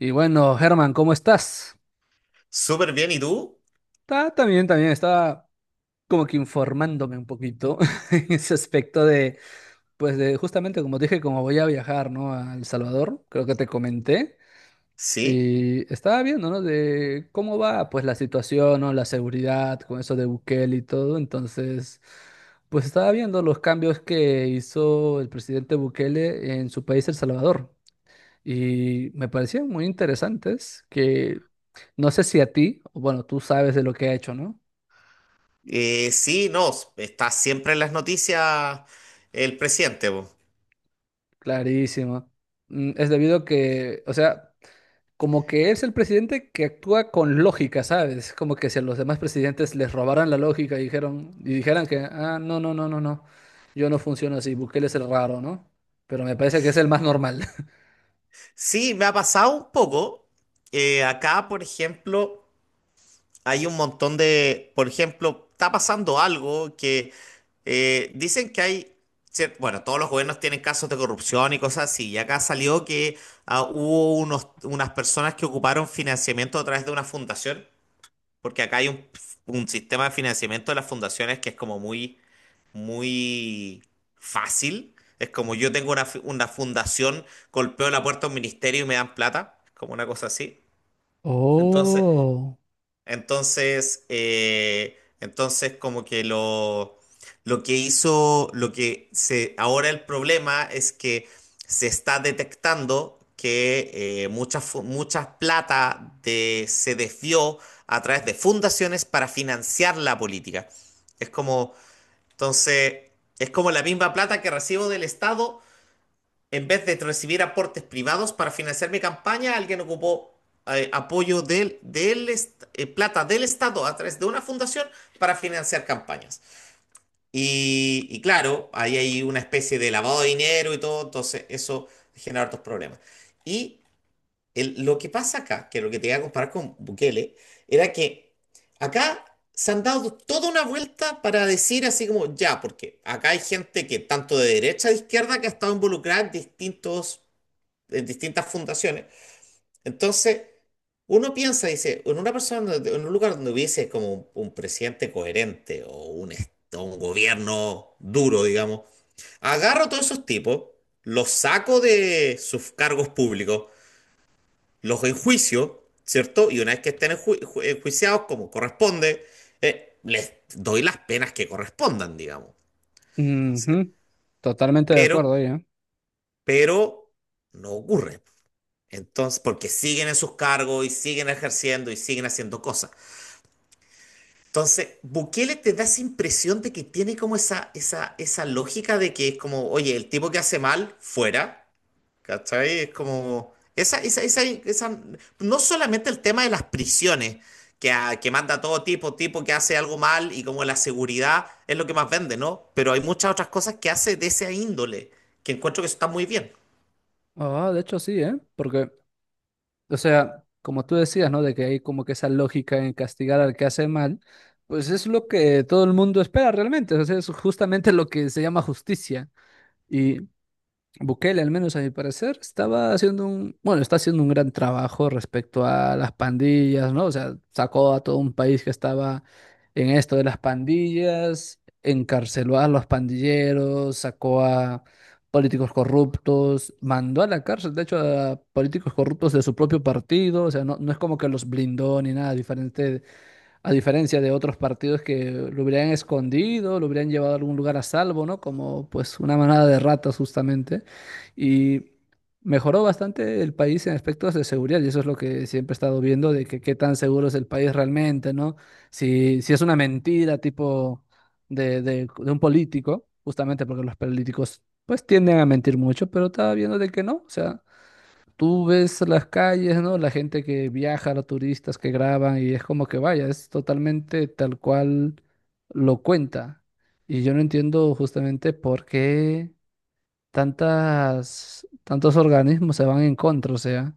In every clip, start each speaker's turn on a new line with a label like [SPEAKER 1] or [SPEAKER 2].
[SPEAKER 1] Y bueno, Germán, ¿cómo estás?
[SPEAKER 2] Súper bien, ¿y tú?
[SPEAKER 1] Está también estaba como que informándome un poquito en ese aspecto de, pues de justamente como te dije, como voy a viajar, ¿no? A El Salvador, creo que te comenté,
[SPEAKER 2] Sí,
[SPEAKER 1] y estaba viendo, ¿no? De cómo va, pues la situación, ¿no? La seguridad con eso de Bukele y todo, entonces, pues estaba viendo los cambios que hizo el presidente Bukele en su país, El Salvador. Y me parecían muy interesantes que no sé si a ti, o bueno, tú sabes de lo que ha hecho, ¿no?
[SPEAKER 2] sí, no, está siempre en las noticias el presidente. Po.
[SPEAKER 1] Clarísimo. Es debido a que, o sea, como que es el presidente que actúa con lógica, ¿sabes? Como que si a los demás presidentes les robaran la lógica y dijeran que, ah, no, no, no, no, no, yo no funciono así, Bukele es el raro, ¿no? Pero me parece que es el más normal.
[SPEAKER 2] Sí, me ha pasado un poco. Acá, por ejemplo, hay un montón de, por ejemplo, está pasando algo que dicen que hay, bueno, todos los gobiernos tienen casos de corrupción y cosas así, y acá salió que hubo unas personas que ocuparon financiamiento a través de una fundación, porque acá hay un sistema de financiamiento de las fundaciones que es como muy muy fácil. Es como yo tengo una fundación, golpeo la puerta a un ministerio y me dan plata, como una cosa así. Entonces,
[SPEAKER 1] Oh.
[SPEAKER 2] entonces, como que lo que hizo, lo que se, ahora el problema es que se está detectando que mucha plata se desvió a través de fundaciones para financiar la política. Es como entonces, es como la misma plata que recibo del Estado, en vez de recibir aportes privados para financiar mi campaña, alguien ocupó apoyo plata del Estado a través de una fundación para financiar campañas. Y claro, ahí hay una especie de lavado de dinero y todo, entonces eso genera hartos problemas. Y lo que pasa acá, que lo que te iba a comparar con Bukele, era que acá se han dado toda una vuelta para decir así como, ya, porque acá hay gente que tanto de derecha a izquierda que ha estado involucrada en distintas fundaciones. Entonces, uno piensa, dice, en una persona, en un lugar donde hubiese como un presidente coherente o un, est- o un gobierno duro, digamos, agarro a todos esos tipos, los saco de sus cargos públicos, los enjuicio, ¿cierto? Y una vez que estén enjuiciados como corresponde, les doy las penas que correspondan, digamos. Sí.
[SPEAKER 1] Ujú. Totalmente de
[SPEAKER 2] Pero,
[SPEAKER 1] acuerdo ahí, ¿eh?
[SPEAKER 2] pero no ocurre. Entonces, porque siguen en sus cargos y siguen ejerciendo y siguen haciendo cosas. Entonces, Bukele te da esa impresión de que tiene como esa lógica de que es como, oye, el tipo que hace mal, fuera. ¿Cachai? Es como. No solamente el tema de las prisiones, que, que manda todo tipo, tipo que hace algo mal, y como la seguridad es lo que más vende, ¿no? Pero hay muchas otras cosas que hace de esa índole, que encuentro que está muy bien.
[SPEAKER 1] Ah, de hecho sí, ¿eh? Porque O sea, como tú decías, ¿no? De que hay como que esa lógica en castigar al que hace mal, pues es lo que todo el mundo espera realmente. O sea, es justamente lo que se llama justicia. Bukele, al menos a mi parecer, bueno, está haciendo un gran trabajo respecto a las pandillas, ¿no? O sea, sacó a todo un país que estaba en esto de las pandillas, encarceló a los pandilleros, sacó a políticos corruptos, mandó a la cárcel, de hecho, a políticos corruptos de su propio partido, o sea, no, no es como que los blindó ni nada diferente a diferencia de otros partidos que lo hubieran escondido, lo hubieran llevado a algún lugar a salvo, ¿no? Como pues una manada de ratas justamente. Y mejoró bastante el país en aspectos de seguridad y eso es lo que siempre he estado viendo de que qué tan seguro es el país realmente, ¿no? Si es una mentira tipo de un político, justamente porque los políticos pues tienden a mentir mucho, pero estaba viendo de que no, o sea tú ves las calles, ¿no? La gente que viaja, los turistas que graban y es como que vaya, es totalmente tal cual lo cuenta. Y yo no entiendo justamente por qué tantos organismos se van en contra, o sea,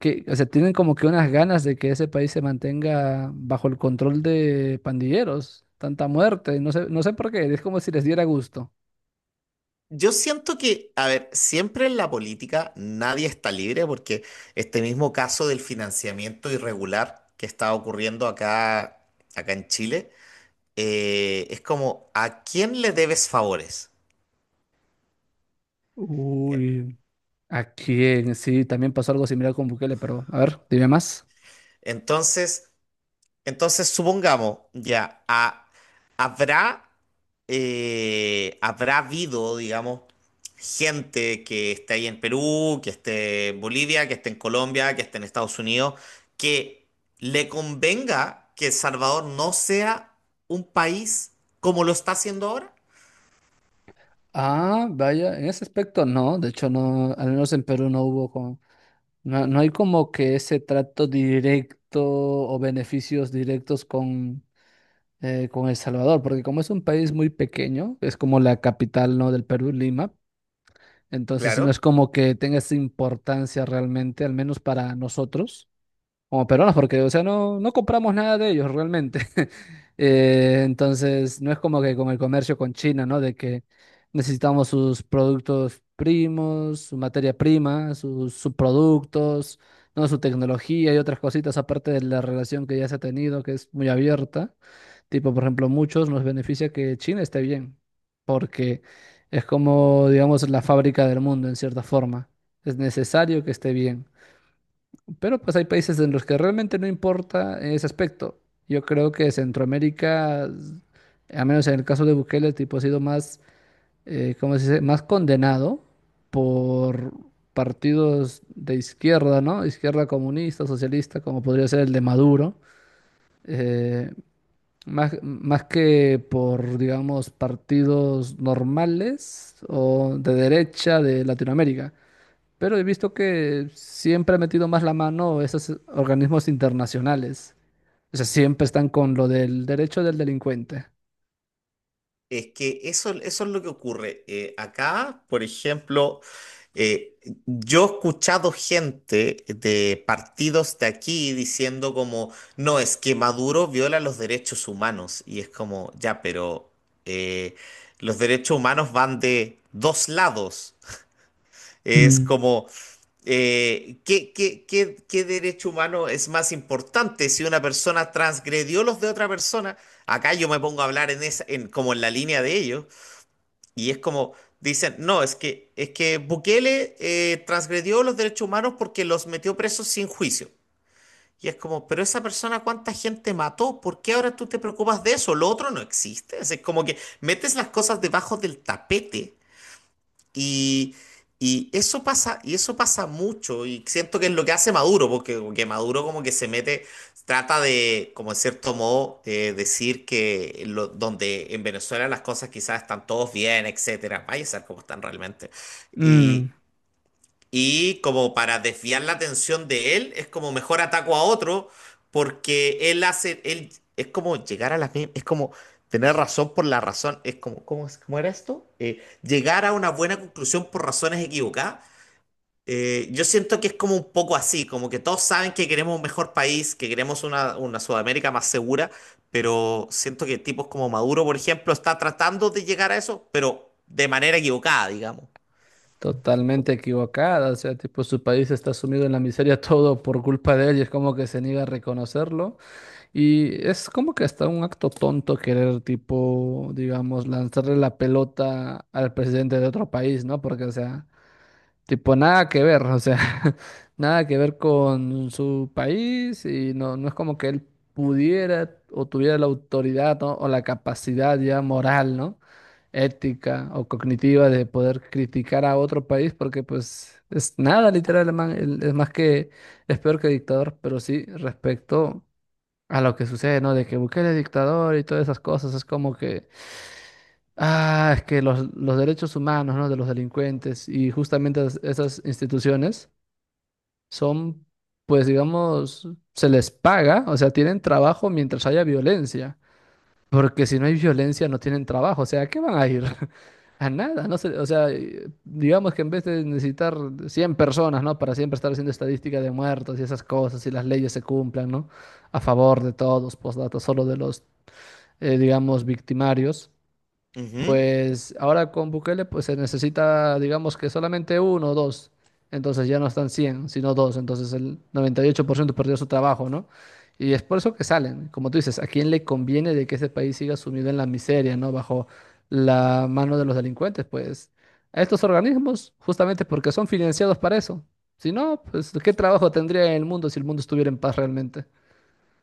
[SPEAKER 1] o sea, tienen como que unas ganas de que ese país se mantenga bajo el control de pandilleros, tanta muerte, no sé, no sé por qué, es como si les diera gusto.
[SPEAKER 2] Yo siento que, a ver, siempre en la política nadie está libre porque este mismo caso del financiamiento irregular que está ocurriendo acá, acá en Chile, es como, ¿a quién le debes favores? Eh,
[SPEAKER 1] Uy. ¿A quién? Sí, también pasó algo similar con Bukele, pero a ver, dime más.
[SPEAKER 2] Entonces, Supongamos, ya, habrá, habrá habido, digamos, gente que esté ahí en Perú, que esté en Bolivia, que esté en Colombia, que esté en Estados Unidos, que le convenga que El Salvador no sea un país como lo está haciendo ahora.
[SPEAKER 1] Ah, vaya, en ese aspecto no, de hecho no, al menos en Perú no hubo no, no hay como que ese trato directo o beneficios directos con El Salvador, porque como es un país muy pequeño, es como la capital, ¿no? Del Perú, Lima, entonces no es
[SPEAKER 2] Claro.
[SPEAKER 1] como que tenga esa importancia realmente, al menos para nosotros como peruanos, porque, o sea, no, no compramos nada de ellos realmente. Entonces, no es como que con el comercio con China, ¿no? De que necesitamos sus productos primos, su materia prima, sus subproductos, ¿no? Su tecnología y otras cositas, aparte de la relación que ya se ha tenido, que es muy abierta. Tipo, por ejemplo, muchos nos beneficia que China esté bien, porque es como, digamos, la fábrica del mundo, en cierta forma. Es necesario que esté bien. Pero pues hay países en los que realmente no importa ese aspecto. Yo creo que Centroamérica, a menos en el caso de Bukele, el tipo ha sido más, ¿cómo se dice? Más condenado por partidos de izquierda, ¿no? Izquierda comunista, socialista, como podría ser el de Maduro. eh, más que por, digamos, partidos normales o de derecha de Latinoamérica. Pero he visto que siempre ha metido más la mano esos organismos internacionales. O sea, siempre están con lo del derecho del delincuente.
[SPEAKER 2] Es que eso es lo que ocurre. Acá, por ejemplo, eh, yo he escuchado gente de partidos de aquí diciendo como, no, es que Maduro viola los derechos humanos. Y es como, ya, pero eh, los derechos humanos van de dos lados. Es
[SPEAKER 1] Mm,
[SPEAKER 2] como, ¿qué, qué derecho humano es más importante si una persona transgredió los de otra persona? Acá yo me pongo a hablar en como en la línea de ellos. Y es como, dicen, no, es que Bukele transgredió los derechos humanos porque los metió presos sin juicio. Y es como, pero esa persona, ¿cuánta gente mató? ¿Por qué ahora tú te preocupas de eso? Lo otro no existe. Es como que metes las cosas debajo del tapete y, y eso pasa mucho, y siento que es lo que hace Maduro, porque como que Maduro como que se mete, trata de, como en cierto modo, decir que donde en Venezuela las cosas quizás están todos bien, etcétera, vaya a ser como están realmente.
[SPEAKER 1] Mm,
[SPEAKER 2] y y como para desviar la atención de él, es como mejor ataco a otro porque él hace, él es como llegar a la misma, es como tener razón por la razón, es como, ¿cómo, cómo era esto? Llegar a una buena conclusión por razones equivocadas. Yo siento que es como un poco así, como que todos saben que queremos un mejor país, que queremos una Sudamérica más segura, pero siento que tipos como Maduro, por ejemplo, está tratando de llegar a eso, pero de manera equivocada, digamos.
[SPEAKER 1] Totalmente equivocada. O sea, tipo, su país está sumido en la miseria todo por culpa de él y es como que se niega a reconocerlo. Y es como que hasta un acto tonto querer, tipo, digamos, lanzarle la pelota al presidente de otro país, ¿no? Porque, o sea, tipo, nada que ver, o sea, nada que ver con su país y no, no es como que él pudiera o tuviera la autoridad, ¿no? O la capacidad ya moral, ¿no? Ética o cognitiva de poder criticar a otro país porque pues es nada literal, el man, es más que, es peor que dictador, pero sí respecto a lo que sucede, ¿no? De que Bukele es dictador y todas esas cosas, es como que ah, es que los derechos humanos, ¿no? De los delincuentes y justamente esas instituciones son, pues digamos, se les paga, o sea, tienen trabajo mientras haya violencia, porque si no hay violencia no tienen trabajo, o sea, ¿a qué van a ir? A nada, no sé, o sea, digamos que en vez de necesitar 100 personas, ¿no? Para siempre estar haciendo estadística de muertos y esas cosas y las leyes se cumplan, ¿no? A favor de todos, postdata, solo de los, digamos, victimarios.
[SPEAKER 2] Ujú.
[SPEAKER 1] Pues ahora con Bukele pues se necesita, digamos que solamente uno o dos. Entonces ya no están 100 sino dos. Entonces el 98% perdió su trabajo, ¿no? Y es por eso que salen. Como tú dices, ¿a quién le conviene de que ese país siga sumido en la miseria, ¿no? Bajo la mano de los delincuentes, pues a estos organismos, justamente porque son financiados para eso. Si no, pues ¿qué trabajo tendría el mundo si el mundo estuviera en paz realmente?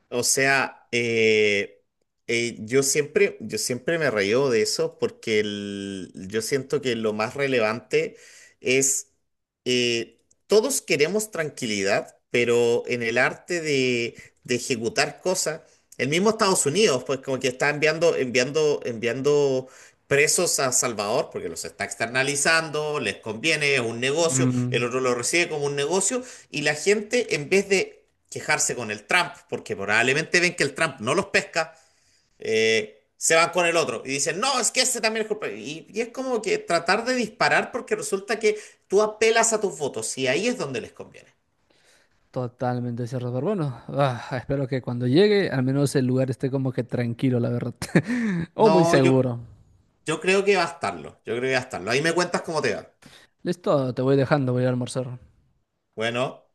[SPEAKER 2] O sea, yo siempre me reío de eso porque yo siento que lo más relevante es, eh, todos queremos tranquilidad, pero en el arte de ejecutar cosas, el mismo Estados Unidos, pues como que está enviando presos a Salvador porque los está externalizando, les conviene, es un negocio, el
[SPEAKER 1] Mm,
[SPEAKER 2] otro lo recibe como un negocio. Y la gente, en vez de quejarse con el Trump, porque probablemente ven que el Trump no los pesca, se van con el otro y dicen, no, es que ese también es culpable. Y es como que tratar de disparar porque resulta que tú apelas a tus votos y ahí es donde les conviene.
[SPEAKER 1] Totalmente cerrado. Bueno, ah, espero que cuando llegue, al menos el lugar esté como que tranquilo, la verdad. O muy
[SPEAKER 2] No,
[SPEAKER 1] seguro.
[SPEAKER 2] yo creo que va a estarlo, yo creo que va a estarlo. Ahí me cuentas cómo te va.
[SPEAKER 1] Listo, te voy dejando, voy a almorzar.
[SPEAKER 2] Bueno.